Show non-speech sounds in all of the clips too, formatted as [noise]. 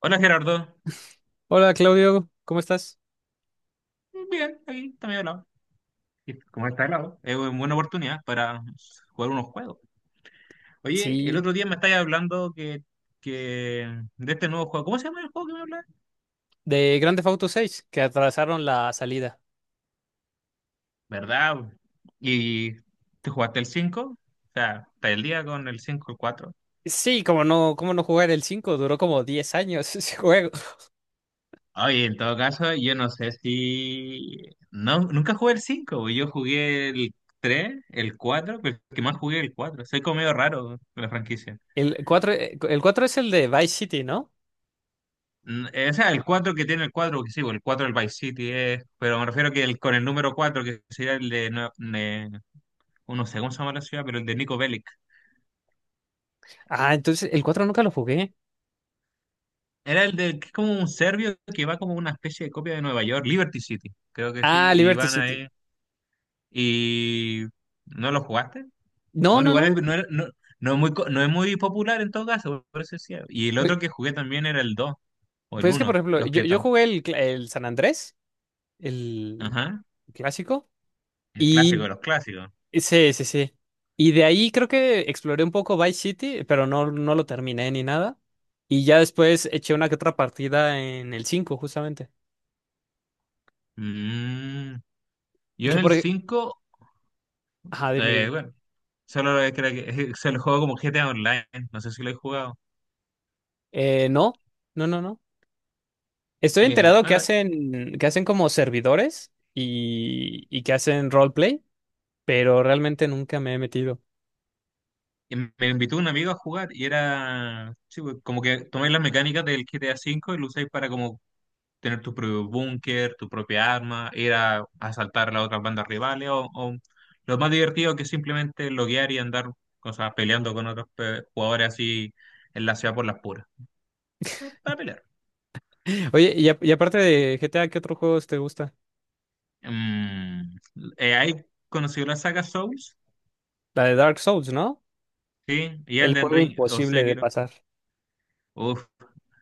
Hola Gerardo, Hola Claudio, ¿cómo estás? bien, aquí también hablado. Y como está hablado, es una buena oportunidad para jugar unos juegos. Oye, el Sí, otro día me estabas hablando que de este nuevo juego. ¿Cómo se llama el juego que me hablas? de Grand Theft Auto 6 que atrasaron la salida. ¿Verdad? ¿Y te jugaste el cinco? O sea, ¿está el día con el 5, el cuatro? Sí, como no, cómo no jugar. El 5 duró como 10 años [laughs] ese juego. Oye, en todo caso, yo no sé si. No, nunca jugué el 5, yo jugué el 3, el 4, pero el que más jugué el 4. Soy como medio raro con la franquicia. El 4 es el de Vice City, ¿no? O sea, el 4 que tiene el 4, que sí, bueno, el 4 del Vice City es, pero me refiero que el, con el número 4 que sería el de, oh, no sé cómo se llama la ciudad, pero el de Nico Bellic. Ah, entonces el 4 nunca lo jugué. Era el de, que es como un serbio que va como una especie de copia de Nueva York, Liberty City, creo que sí, Ah, y Liberty van City. ahí, y ¿no lo jugaste? No, Bueno, no, igual no. No, no, no es muy, no es muy popular en todo caso, por eso decía. Y el Pues, otro que jugué también era el 2 o el pues es que, por uno ejemplo, los que yo están, jugué el San Andrés, el ajá, clásico, el clásico y de los clásicos. sí, sí, sí. Y de ahí creo que exploré un poco Vice City, pero no, no lo terminé ni nada. Y ya después eché una que otra partida en el 5 justamente. Mm. Y Yo en que el por... ej- cinco. Ajá, dime, dime. Bueno, solo lo que creo que [laughs] se lo juego como GTA Online, no sé si lo he jugado. No, no, no, no. Estoy enterado Bueno, que hacen como servidores y que hacen roleplay, pero realmente nunca me he metido. y me invitó un amigo a jugar y era sí, pues, como que tomáis las mecánicas del GTA V y lo usáis para como tener tu propio búnker, tu propia arma, ir a asaltar a las otras bandas rivales o lo más divertido que es simplemente loguear y andar cosas peleando con otros jugadores así en la ciudad por las puras. Para pelear. [laughs] Oye, y aparte de GTA, ¿qué otros juegos te gusta? Mm, ahí conocí la saga Souls, La de Dark Souls, ¿no? sí, y El Elden juego Ring o imposible sé. de pasar. Uf,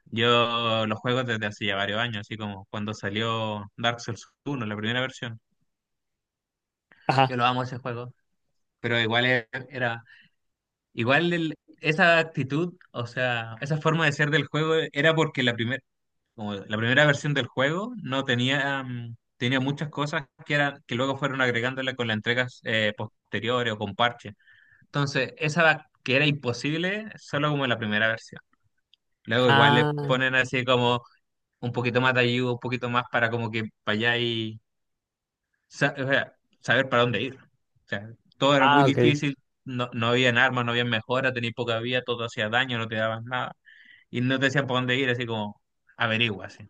yo los juego desde hace ya varios años, así como cuando salió Dark Souls uno, la primera versión. Ajá. Yo lo amo ese juego, pero igual era, igual esa actitud, o sea, esa forma de ser del juego era porque la primera, como la primera versión del juego no tenía, tenía muchas cosas que eran, que luego fueron agregándole con las entregas posteriores o con parches. Entonces, esa que era imposible solo como en la primera versión. Luego igual le Ah, ponen así como un poquito más de ayuda, un poquito más para como que para allá y o sea, saber para dónde ir. O sea, todo era muy ah, ok. difícil, no, no habían armas, no habían mejoras, tenías poca vida, todo hacía daño, no te daban nada. Y no te decían para dónde ir, así como averigua, así.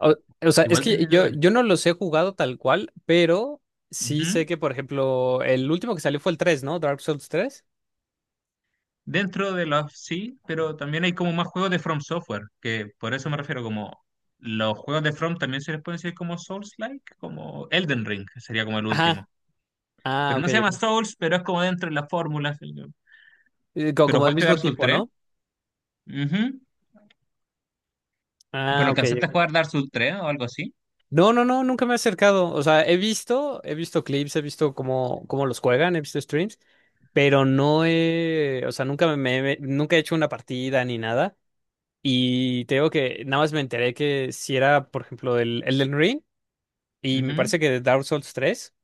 O, o sea, es Igual que tienes yo, lugar. yo no los he jugado tal cual, pero sí Ujú. sé que, por ejemplo, el último que salió fue el 3, ¿no? Dark Souls tres. Dentro de los sí, pero también hay como más juegos de From Software, que por eso me refiero como los juegos de From también se les puede decir como Souls-like, como Elden Ring, que sería como el Ajá. último. Ah, Pero ok, no se llama ok. Souls, pero es como dentro de las fórmulas. Pero Como del jugaste mismo Dark Souls tipo, tres. ¿no? Ujú. Pero Ah, ok. alcanzaste a Ok. jugar Dark Souls tres o algo así. No, no, no, nunca me he acercado. O sea, he visto clips, he visto cómo los juegan, he visto streams, pero o sea, nunca me, me- nunca he hecho una partida ni nada. Y te digo que nada más me enteré que si era, por ejemplo, el Elden Ring y me Ujú. parece que Dark Souls 3.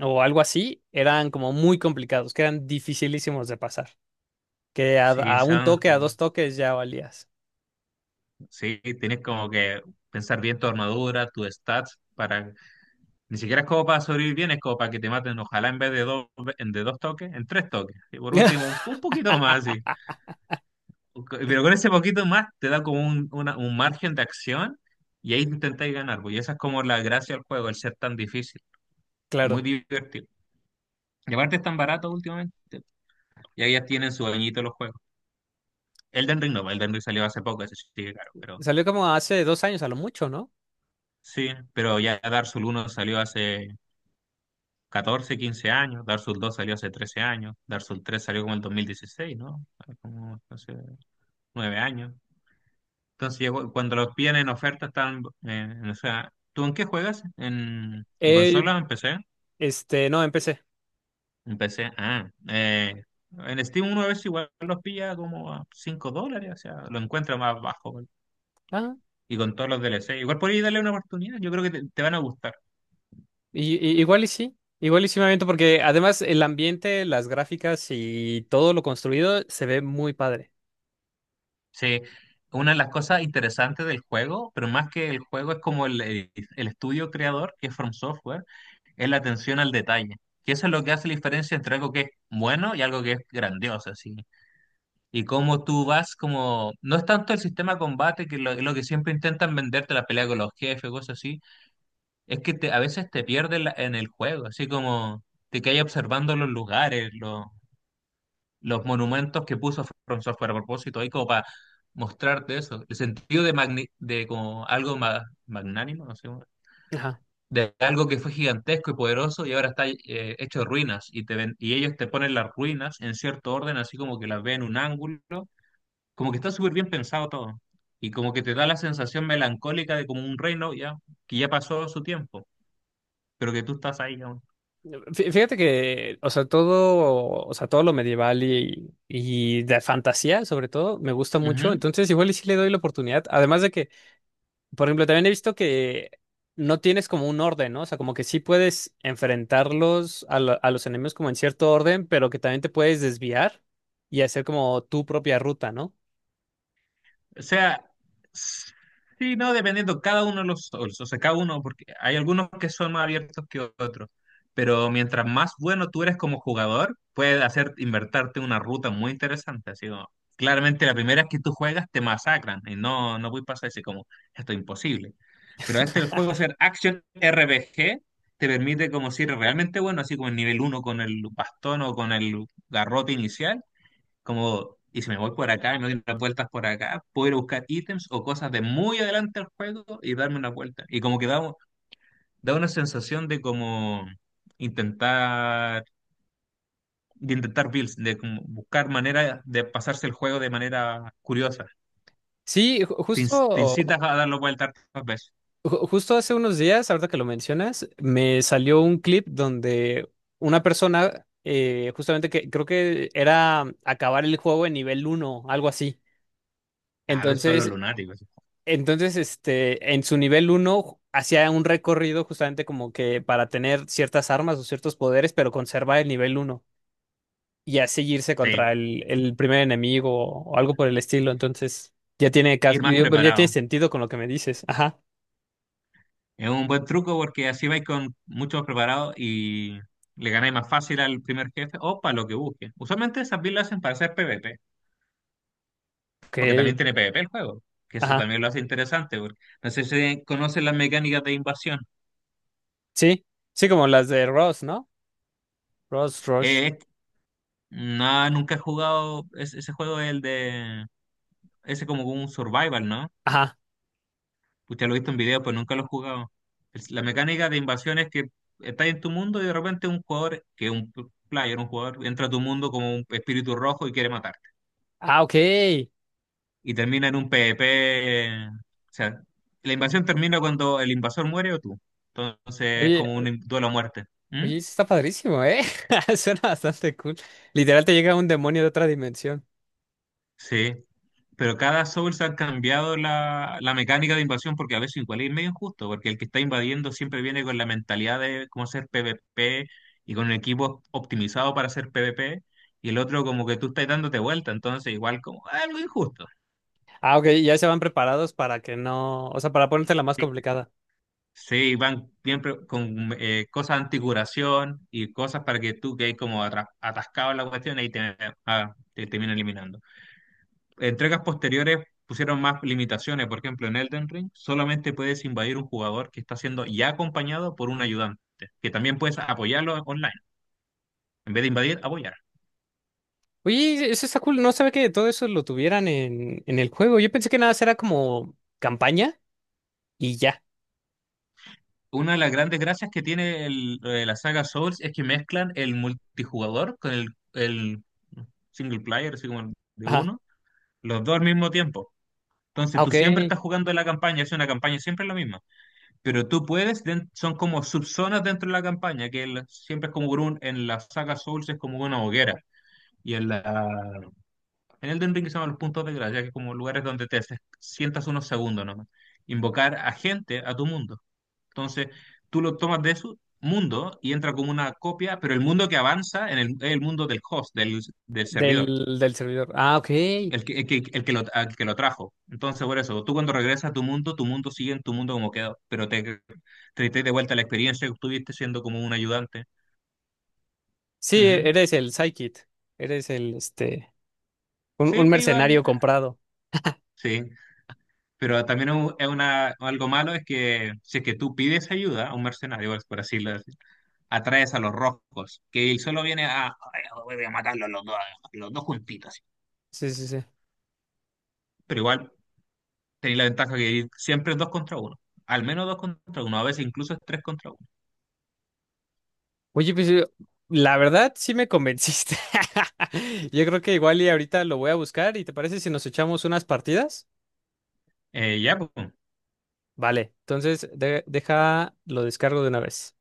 O algo así, eran como muy complicados, que eran dificilísimos de pasar. Que Sí, a un toque, a dos son- toques ya valías. sí, tienes como que pensar bien tu armadura, tus stats, para ni siquiera es como para sobrevivir bien, es como para que te maten, ojalá en vez de dos, en de dos toques, en tres toques. Y por último, un, [laughs] un poquito más, sí. Pero con ese poquito más te da como un margen de acción y ahí intentáis ganar, pues. Y esa es como la gracia del juego, el ser tan difícil, muy Claro. divertido. Y aparte es tan barato últimamente. Y ahí ya tienen su bañito los juegos. Elden Ring no, Elden Ring salió hace poco, ese sí sigue caro, pero Salió como hace dos años a lo mucho, ¿no? sí, pero ya Dark Souls uno salió hace 14 15 años, Dark Souls dos salió hace 13 años, Dark Souls tres salió como en el 2016, ¿no? Como hace 9 años. Entonces, cuando los piden en oferta están, o sea, ¿tú en qué juegas? En Eh, consola o en PC? este, no, empecé. En PC, ah, en Steam uno a veces igual los pilla como a $5, o sea, lo encuentra más bajo. ¿Vale? Ah, Y con todos los DLC, igual podéis darle una oportunidad, yo creo que te van a gustar. Igual y sí. Igual y sí me aviento porque además el ambiente, las gráficas y todo lo construido se ve muy padre. Sí, una de las cosas interesantes del juego, pero más que el juego es como el estudio creador, que es From Software, es la atención al detalle. Que eso es lo que hace la diferencia entre algo que es bueno y algo que es grandioso, así. Y cómo tú vas como. No es tanto el sistema de combate, que lo que siempre intentan venderte la pelea con los jefes, cosas así, es que te, a veces te pierdes en el juego, así como te quedas observando los lugares, los monumentos que puso From Software a propósito ahí como para mostrarte eso, el sentido de, de como algo magnánimo, no sé, Ajá. de algo que fue gigantesco y poderoso y ahora está hecho de ruinas y, te ven, y ellos te ponen las ruinas en cierto orden, así como que las ven en un ángulo, como que está súper bien pensado todo y como que te da la sensación melancólica de como un reino ya que ya pasó su tiempo, pero que tú estás ahí aún. Fíjate que, o sea, todo lo medieval y de fantasía, sobre todo, me gusta mucho. Ujú. Entonces, igual y sí le doy la oportunidad. Además de que, por ejemplo, también he visto que no tienes como un orden, ¿no? O sea, como que sí puedes enfrentarlos a los enemigos como en cierto orden, pero que también te puedes desviar y hacer como tu propia ruta, ¿no? O sea, sí, no, dependiendo cada uno de los Souls, o sea, cada uno, porque hay algunos que son más abiertos que otros, pero mientras más bueno tú eres como jugador, puedes hacer invertarte una ruta muy interesante, así como, claramente la primera vez que tú juegas te masacran y no, no voy a pasar así como, esto es imposible. Pero este el juego ser Action RPG te permite como si eres realmente bueno, así como el nivel uno con el bastón o con el garrote inicial como, y si me voy por acá y me doy unas vueltas por acá, puedo ir a buscar ítems o cosas de muy adelante del juego y darme una vuelta. Y como que da, da una sensación de como intentar, de intentar builds, de como buscar maneras de pasarse el juego de manera curiosa. Te, Justo, inc- te incitas a darlo vueltas tantas veces. Justo hace unos días, ahorita que lo mencionas, me salió un clip donde una persona, justamente, que creo que era acabar el juego en nivel uno, algo así. A ver, son los Entonces, lunáticos. Entonces, este, en su nivel uno hacía un recorrido justamente como que para tener ciertas armas o ciertos poderes, pero conservar el nivel uno y así irse Sí, contra el primer enemigo o algo por el estilo. Entonces, ya tiene ir más pero ya tiene preparado. sentido con lo que me dices. Ajá. Es un buen truco porque así vais con muchos preparados y le ganáis más fácil al primer jefe o para lo que busquen. Usualmente esas builds las hacen para hacer PvP. Porque también Ok. tiene PvP el juego, que eso Ajá. también lo hace interesante, porque no sé si conocen las mecánicas de invasión. Sí. Sí, como las de Ross, ¿no? Ross, Rush. Eh, no, nunca he jugado ese juego, el de. Ese como un survival, ¿no? Ajá. Usted lo he visto en video, pues nunca lo he jugado. La mecánica de invasión es que estás en tu mundo y de repente un jugador, que es un player, un jugador, entra a tu mundo como un espíritu rojo y quiere matarte. Ah, ok. Oye, Y termina en un PvP. O sea, la invasión termina cuando el invasor muere o tú. Entonces es como o- un duelo a muerte. ¿Mm? oye, eso está padrísimo, ¿eh? [laughs] Suena bastante cool. Literal te llega un demonio de otra dimensión. Sí, pero cada Souls han cambiado la mecánica de invasión porque a veces igual es medio injusto, porque el que está invadiendo siempre viene con la mentalidad de cómo hacer PvP y con un equipo optimizado para hacer PvP, y el otro como que tú estás dándote vuelta, entonces igual como algo injusto. Ah, ok, ya se van preparados para que no, o sea, para ponerte la más Sí, complicada. sí, van siempre con cosas anticuración y cosas para que tú que hay como atascado en la cuestión, ahí te, ah, te termina eliminando. Entregas posteriores pusieron más limitaciones. Por ejemplo, en Elden Ring solamente puedes invadir un jugador que está siendo ya acompañado por un ayudante, que también puedes apoyarlo online. En vez de invadir, apoyar. Oye, eso está cool, no sabía que todo eso lo tuvieran en el juego. Yo pensé que nada, era como campaña y ya. Una de las grandes gracias que tiene la saga Souls es que mezclan el multijugador con el single player, así como el de Ajá. uno, los dos al mismo tiempo. Entonces Ah, tú ok, siempre estás jugando la campaña, es una campaña siempre la misma. Pero tú puedes, son como subzonas dentro de la campaña, que siempre es como por un, en la saga Souls es como una hoguera. Y en la, en Elden Ring se llaman los puntos de gracia, que es como lugares donde te sientas unos segundos nomás. Invocar a gente a tu mundo. Entonces, tú lo tomas de su mundo y entra como una copia, pero el mundo que avanza en el, es el mundo del host, del servidor del, del servidor. Ah, ok. el que, el que, el que lo, al que lo trajo. Entonces, por eso, tú cuando regresas a tu mundo sigue en tu mundo como quedó, pero te traes de vuelta la experiencia que tuviste siendo como un ayudante. Sí, e-, Ujú. eres el Psykit, eres el, este, Sí, un que ayuda, mercenario comprado. sí, pero también es una, algo malo es que si es que tú pides ayuda a un mercenario, por así lo decir, atraes a los rojos, que él solo viene a, "Ay, no, voy a matarlos los dos juntitos". Así. Sí, sí, sí. Pero igual tenéis la ventaja que siempre es dos contra uno, al menos dos contra uno, a veces incluso es tres contra uno. Oye, pues la verdad sí me convenciste. [laughs] Yo creo que igual y ahorita lo voy a buscar y ¿te parece si nos echamos unas partidas? Ya, pues. Vale, entonces deja, lo descargo de una vez.